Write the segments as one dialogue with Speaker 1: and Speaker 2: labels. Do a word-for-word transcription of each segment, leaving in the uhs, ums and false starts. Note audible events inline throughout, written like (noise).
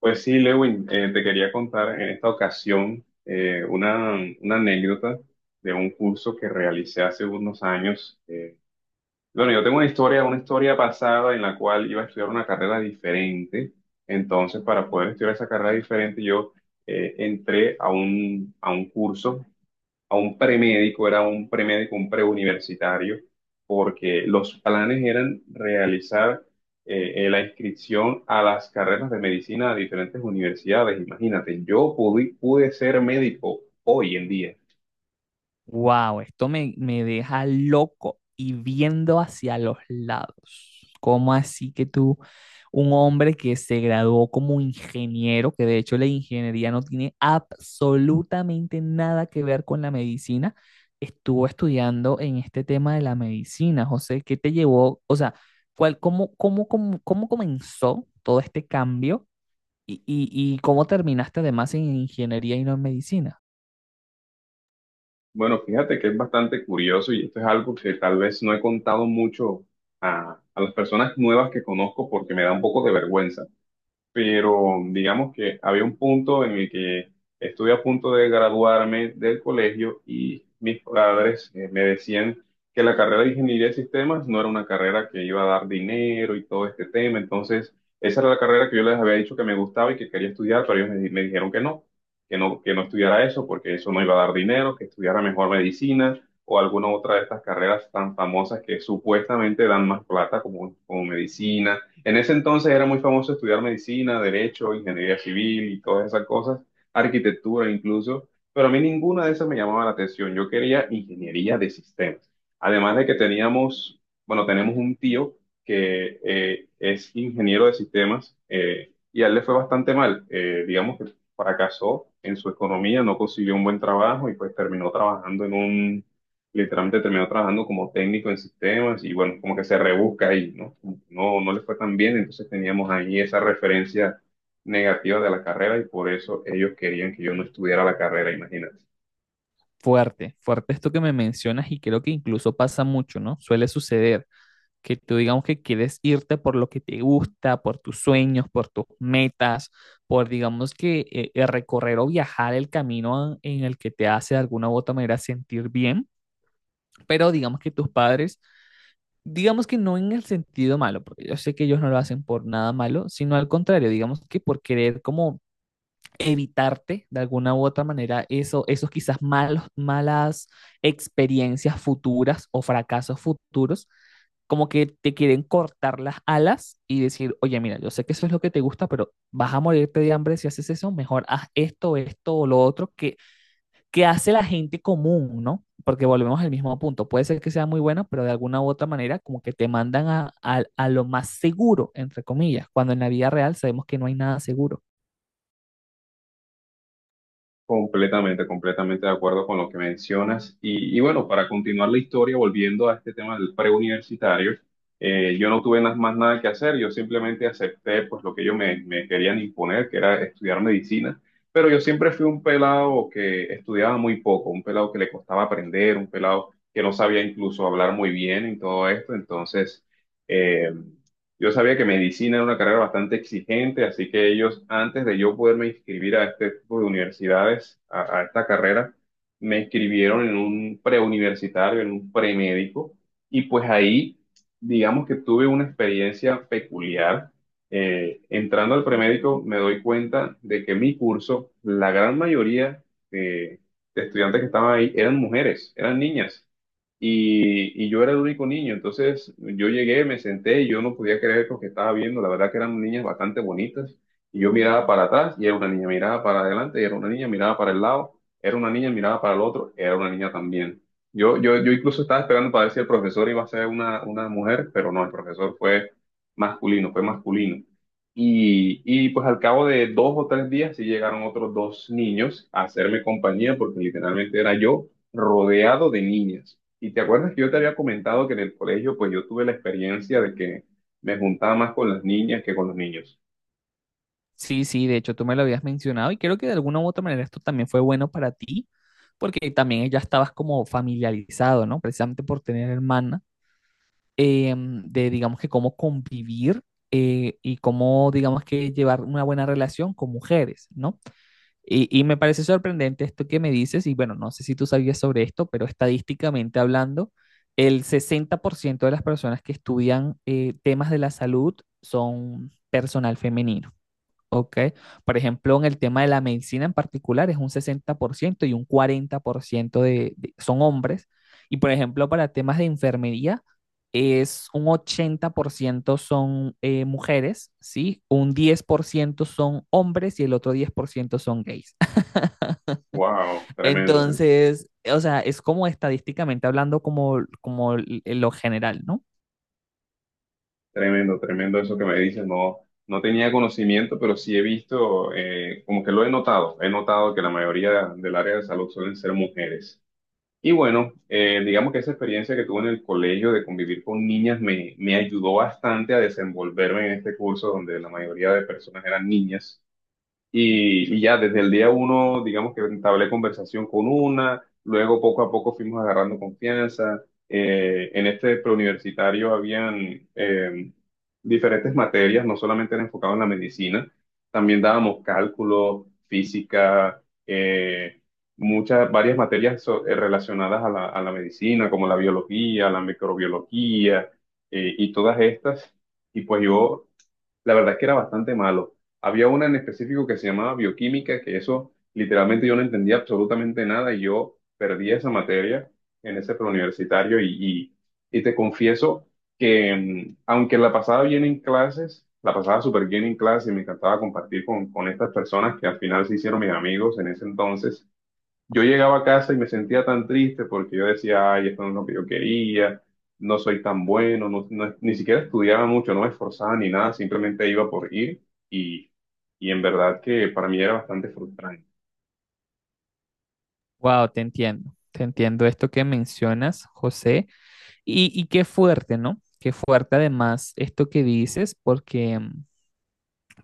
Speaker 1: Pues sí, Lewin, eh, te quería contar en esta ocasión eh, una, una anécdota de un curso que realicé hace unos años. Eh, bueno, yo tengo una historia, una historia pasada en la cual iba a estudiar una carrera diferente. Entonces, para poder estudiar esa carrera diferente, yo eh, entré a un, a un curso, a un premédico, era un premédico, un preuniversitario, porque los planes eran realizar eh, eh, la inscripción a las carreras de medicina de diferentes universidades. Imagínate, yo pude, pude ser médico hoy en día.
Speaker 2: Wow, esto me, me deja loco y viendo hacia los lados. ¿Cómo así que tú, un hombre que se graduó como ingeniero, que de hecho la ingeniería no tiene absolutamente nada que ver con la medicina, estuvo estudiando en este tema de la medicina? José, ¿qué te llevó? O sea, ¿cuál, cómo, cómo, cómo, cómo comenzó todo este cambio y, y, y cómo terminaste además en ingeniería y no en medicina?
Speaker 1: Bueno, fíjate que es bastante curioso y esto es algo que tal vez no he contado mucho a, a las personas nuevas que conozco porque me da un poco de vergüenza. Pero digamos que había un punto en el que estuve a punto de graduarme del colegio y mis padres eh, me decían que la carrera de ingeniería de sistemas no era una carrera que iba a dar dinero y todo este tema. Entonces, esa era la carrera que yo les había dicho que me gustaba y que quería estudiar, pero ellos me, di- me dijeron que no, que no, que no estudiara eso porque eso no iba a dar dinero, que estudiara mejor medicina o alguna otra de estas carreras tan famosas que supuestamente dan más plata como, como medicina. En ese entonces era muy famoso estudiar medicina, derecho, ingeniería civil y todas esas cosas, arquitectura incluso, pero a mí ninguna de esas me llamaba la atención. Yo quería ingeniería de sistemas. Además de que teníamos, bueno, tenemos un tío que eh, es ingeniero de sistemas eh, y a él le fue bastante mal. Eh, digamos que fracasó en su economía, no consiguió un buen trabajo y pues terminó trabajando en un, literalmente terminó trabajando como técnico en sistemas y bueno, como que se rebusca ahí, ¿no? Como que no, no le fue tan bien, entonces teníamos ahí esa referencia negativa de la carrera y por eso ellos querían que yo no estudiara la carrera, imagínate.
Speaker 2: Fuerte, fuerte esto que me mencionas y creo que incluso pasa mucho, ¿no? Suele suceder que tú digamos que quieres irte por lo que te gusta, por tus sueños, por tus metas, por digamos que eh, eh, recorrer o viajar el camino en el que te hace de alguna u otra manera sentir bien, pero digamos que tus padres, digamos que no en el sentido malo, porque yo sé que ellos no lo hacen por nada malo, sino al contrario, digamos que por querer como evitarte de alguna u otra manera eso, esos quizás malos, malas experiencias futuras o fracasos futuros, como que te quieren cortar las alas y decir, oye, mira, yo sé que eso es lo que te gusta, pero vas a morirte de hambre si haces eso, mejor haz esto, esto o lo otro que, que hace la gente común, ¿no? Porque volvemos al mismo punto, puede ser que sea muy bueno, pero de alguna u otra manera como que te mandan a, a, a lo más seguro, entre comillas, cuando en la vida real sabemos que no hay nada seguro.
Speaker 1: Completamente, completamente de acuerdo con lo que mencionas. Y, y bueno, para continuar la historia, volviendo a este tema del preuniversitario, eh, yo no tuve na- más nada que hacer, yo simplemente acepté pues lo que ellos me, me querían imponer, que era estudiar medicina, pero yo siempre fui un pelado que estudiaba muy poco, un pelado que le costaba aprender, un pelado que no sabía incluso hablar muy bien y todo esto. Entonces, eh, yo sabía que medicina era una carrera bastante exigente, así que ellos, antes de yo poderme inscribir a este tipo de universidades, a, a esta carrera, me inscribieron en un preuniversitario, en un premédico, y pues ahí, digamos que tuve una experiencia peculiar. Eh, entrando al premédico, me doy cuenta de que mi curso, la gran mayoría eh, de estudiantes que estaban ahí eran mujeres, eran niñas. Y, y yo era el único niño. Entonces yo llegué, me senté y yo no podía creer lo que estaba viendo. La verdad que eran niñas bastante bonitas. Y yo miraba para atrás y era una niña, miraba para adelante y era una niña, miraba para el lado, era una niña, miraba para el otro, era una niña también. Yo, yo, yo incluso estaba esperando para ver si el profesor iba a ser una, una mujer, pero no, el profesor fue masculino, fue masculino. Y, y pues al cabo de dos o tres días sí llegaron otros dos niños a hacerme compañía porque literalmente era yo rodeado de niñas. Y te acuerdas que yo te había comentado que en el colegio, pues yo tuve la experiencia de que me juntaba más con las niñas que con los niños.
Speaker 2: Sí, sí, de hecho tú me lo habías mencionado y creo que de alguna u otra manera esto también fue bueno para ti, porque también ya estabas como familiarizado, ¿no? Precisamente por tener hermana, eh, de digamos que cómo convivir eh, y cómo digamos que llevar una buena relación con mujeres, ¿no? Y, y me parece sorprendente esto que me dices y bueno, no sé si tú sabías sobre esto, pero estadísticamente hablando, el sesenta por ciento de las personas que estudian eh, temas de la salud son personal femenino. Ok. Por ejemplo, en el tema de la medicina en particular es un sesenta por ciento y un cuarenta por ciento de, de- son hombres. Y por ejemplo, para temas de enfermería es un ochenta por ciento son eh, mujeres, ¿sí? Un diez por ciento son hombres y el otro diez por ciento son gays.
Speaker 1: Wow,
Speaker 2: (laughs)
Speaker 1: tremendo, ¿eh?
Speaker 2: Entonces, o sea, es como estadísticamente hablando como, como l- lo general, ¿no?
Speaker 1: Tremendo, tremendo eso que me dices. No, no tenía conocimiento, pero sí he visto, eh, como que lo he notado. He notado que la mayoría del área de salud suelen ser mujeres. Y bueno, eh, digamos que esa experiencia que tuve en el colegio de convivir con niñas me, me ayudó bastante a desenvolverme en este curso donde la mayoría de personas eran niñas. Y, y ya desde el día uno, digamos que entablé conversación con una, luego poco a poco fuimos agarrando confianza. Eh, en este preuniversitario habían eh, diferentes materias, no solamente era enfocado en la medicina, también dábamos cálculo, física, eh, muchas, varias materias so- eh, relacionadas a la, a la medicina, como la biología, la microbiología, eh, y todas estas. Y pues yo la verdad es que era bastante malo. Había una en específico que se llamaba bioquímica, que eso literalmente yo no entendía absolutamente nada y yo perdí esa materia en ese preuniversitario y, y, y te confieso que mm, aunque la pasaba bien en clases, la pasaba súper bien en clases y me encantaba compartir con, con estas personas que al final se hicieron mis amigos en ese entonces, yo llegaba a casa y me sentía tan triste porque yo decía, ay, esto no es lo que yo quería, no soy tan bueno, no, no- ni siquiera estudiaba mucho, no me esforzaba ni nada, simplemente iba por ir y, y en verdad que para mí era bastante frustrante.
Speaker 2: Wow, te entiendo. Te entiendo esto que mencionas, José. Y, y qué fuerte, ¿no? Qué fuerte además esto que dices, porque,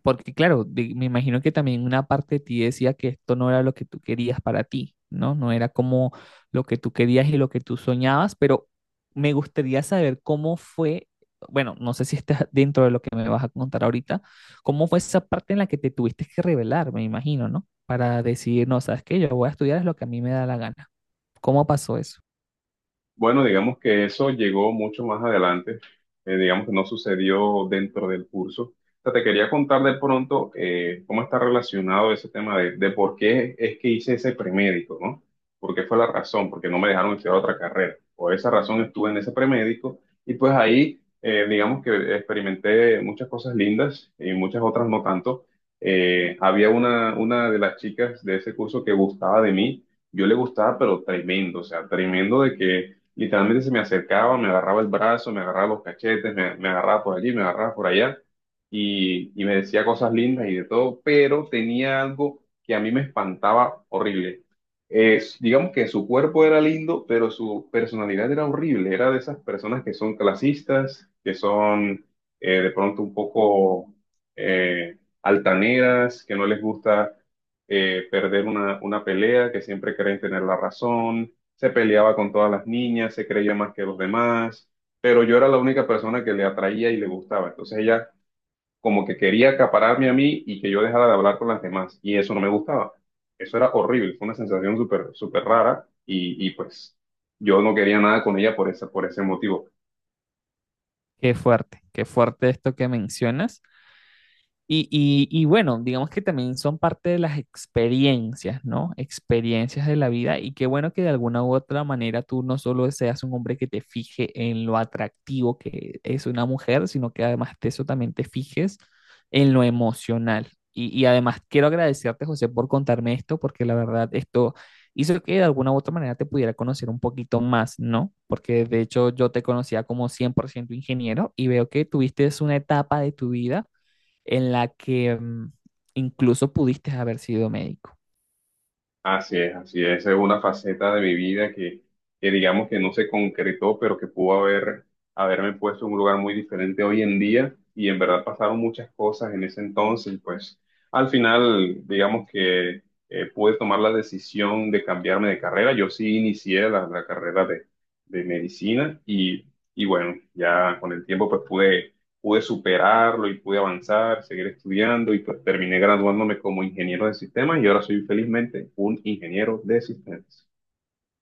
Speaker 2: porque claro, de- me imagino que también una parte de ti decía que esto no era lo que tú querías para ti, ¿no? No era como lo que tú querías y lo que tú soñabas, pero me gustaría saber cómo fue, bueno, no sé si está dentro de lo que me vas a contar ahorita, cómo fue esa parte en la que te tuviste que revelar, me imagino, ¿no? Para decidir, no, ¿sabes qué? Yo voy a estudiar es lo que a mí me da la gana. ¿Cómo pasó eso?
Speaker 1: Bueno, digamos que eso llegó mucho más adelante. Eh, digamos que no sucedió dentro del curso. O sea, te quería contar de pronto eh, cómo está relacionado ese tema de, de por qué es que hice ese premédico, ¿no? ¿Por qué fue la razón? Porque no me dejaron estudiar otra carrera. Por esa razón estuve en ese premédico y pues ahí, eh, digamos que experimenté muchas cosas lindas y muchas otras no tanto. Eh, había una, una de las chicas de ese curso que gustaba de mí, yo le gustaba, pero tremendo, o sea, tremendo de que literalmente se me acercaba, me agarraba el brazo, me agarraba los cachetes, me, me agarraba por allí, me agarraba por allá y, y me decía cosas lindas y de todo, pero tenía algo que a mí me espantaba horrible. Eh, digamos que su cuerpo era lindo, pero su personalidad era horrible. Era de esas personas que son clasistas, que son eh, de pronto un poco eh, altaneras, que no les gusta eh, perder una, una pelea, que siempre creen tener la razón, se peleaba con todas las niñas, se creía más que los demás, pero yo era la única persona que le atraía y le gustaba. Entonces ella como que quería acapararme a mí y que yo dejara de hablar con las demás, y eso no me gustaba. Eso era horrible, fue una sensación súper, súper rara, y, y pues yo no quería nada con ella por esa, por ese motivo.
Speaker 2: Qué fuerte, qué fuerte esto que mencionas. Y, y- y bueno, digamos que también son parte de las experiencias, ¿no? Experiencias de la vida y qué bueno que de alguna u otra manera tú no solo seas un hombre que te fije en lo atractivo que es una mujer, sino que además de eso también te fijes en lo emocional. Y, y además quiero agradecerte, José, por contarme esto, porque la verdad esto hizo que de alguna u otra manera te pudiera conocer un poquito más, ¿no? Porque de hecho yo te conocía como cien por ciento ingeniero y veo que tuviste una etapa de tu vida en la que mm, incluso pudiste haber sido médico.
Speaker 1: Así es, así es. Esa es una faceta de mi vida que, que digamos que no se concretó, pero que pudo haber, haberme puesto en un lugar muy diferente hoy en día. Y en verdad pasaron muchas cosas en ese entonces. Y pues al final, digamos que eh, pude tomar la decisión de cambiarme de carrera. Yo sí inicié la, la carrera de, de medicina y, y bueno, ya con el tiempo pues pude pude superarlo y pude avanzar, seguir estudiando y pues terminé graduándome como ingeniero de sistemas y ahora soy felizmente un ingeniero de sistemas.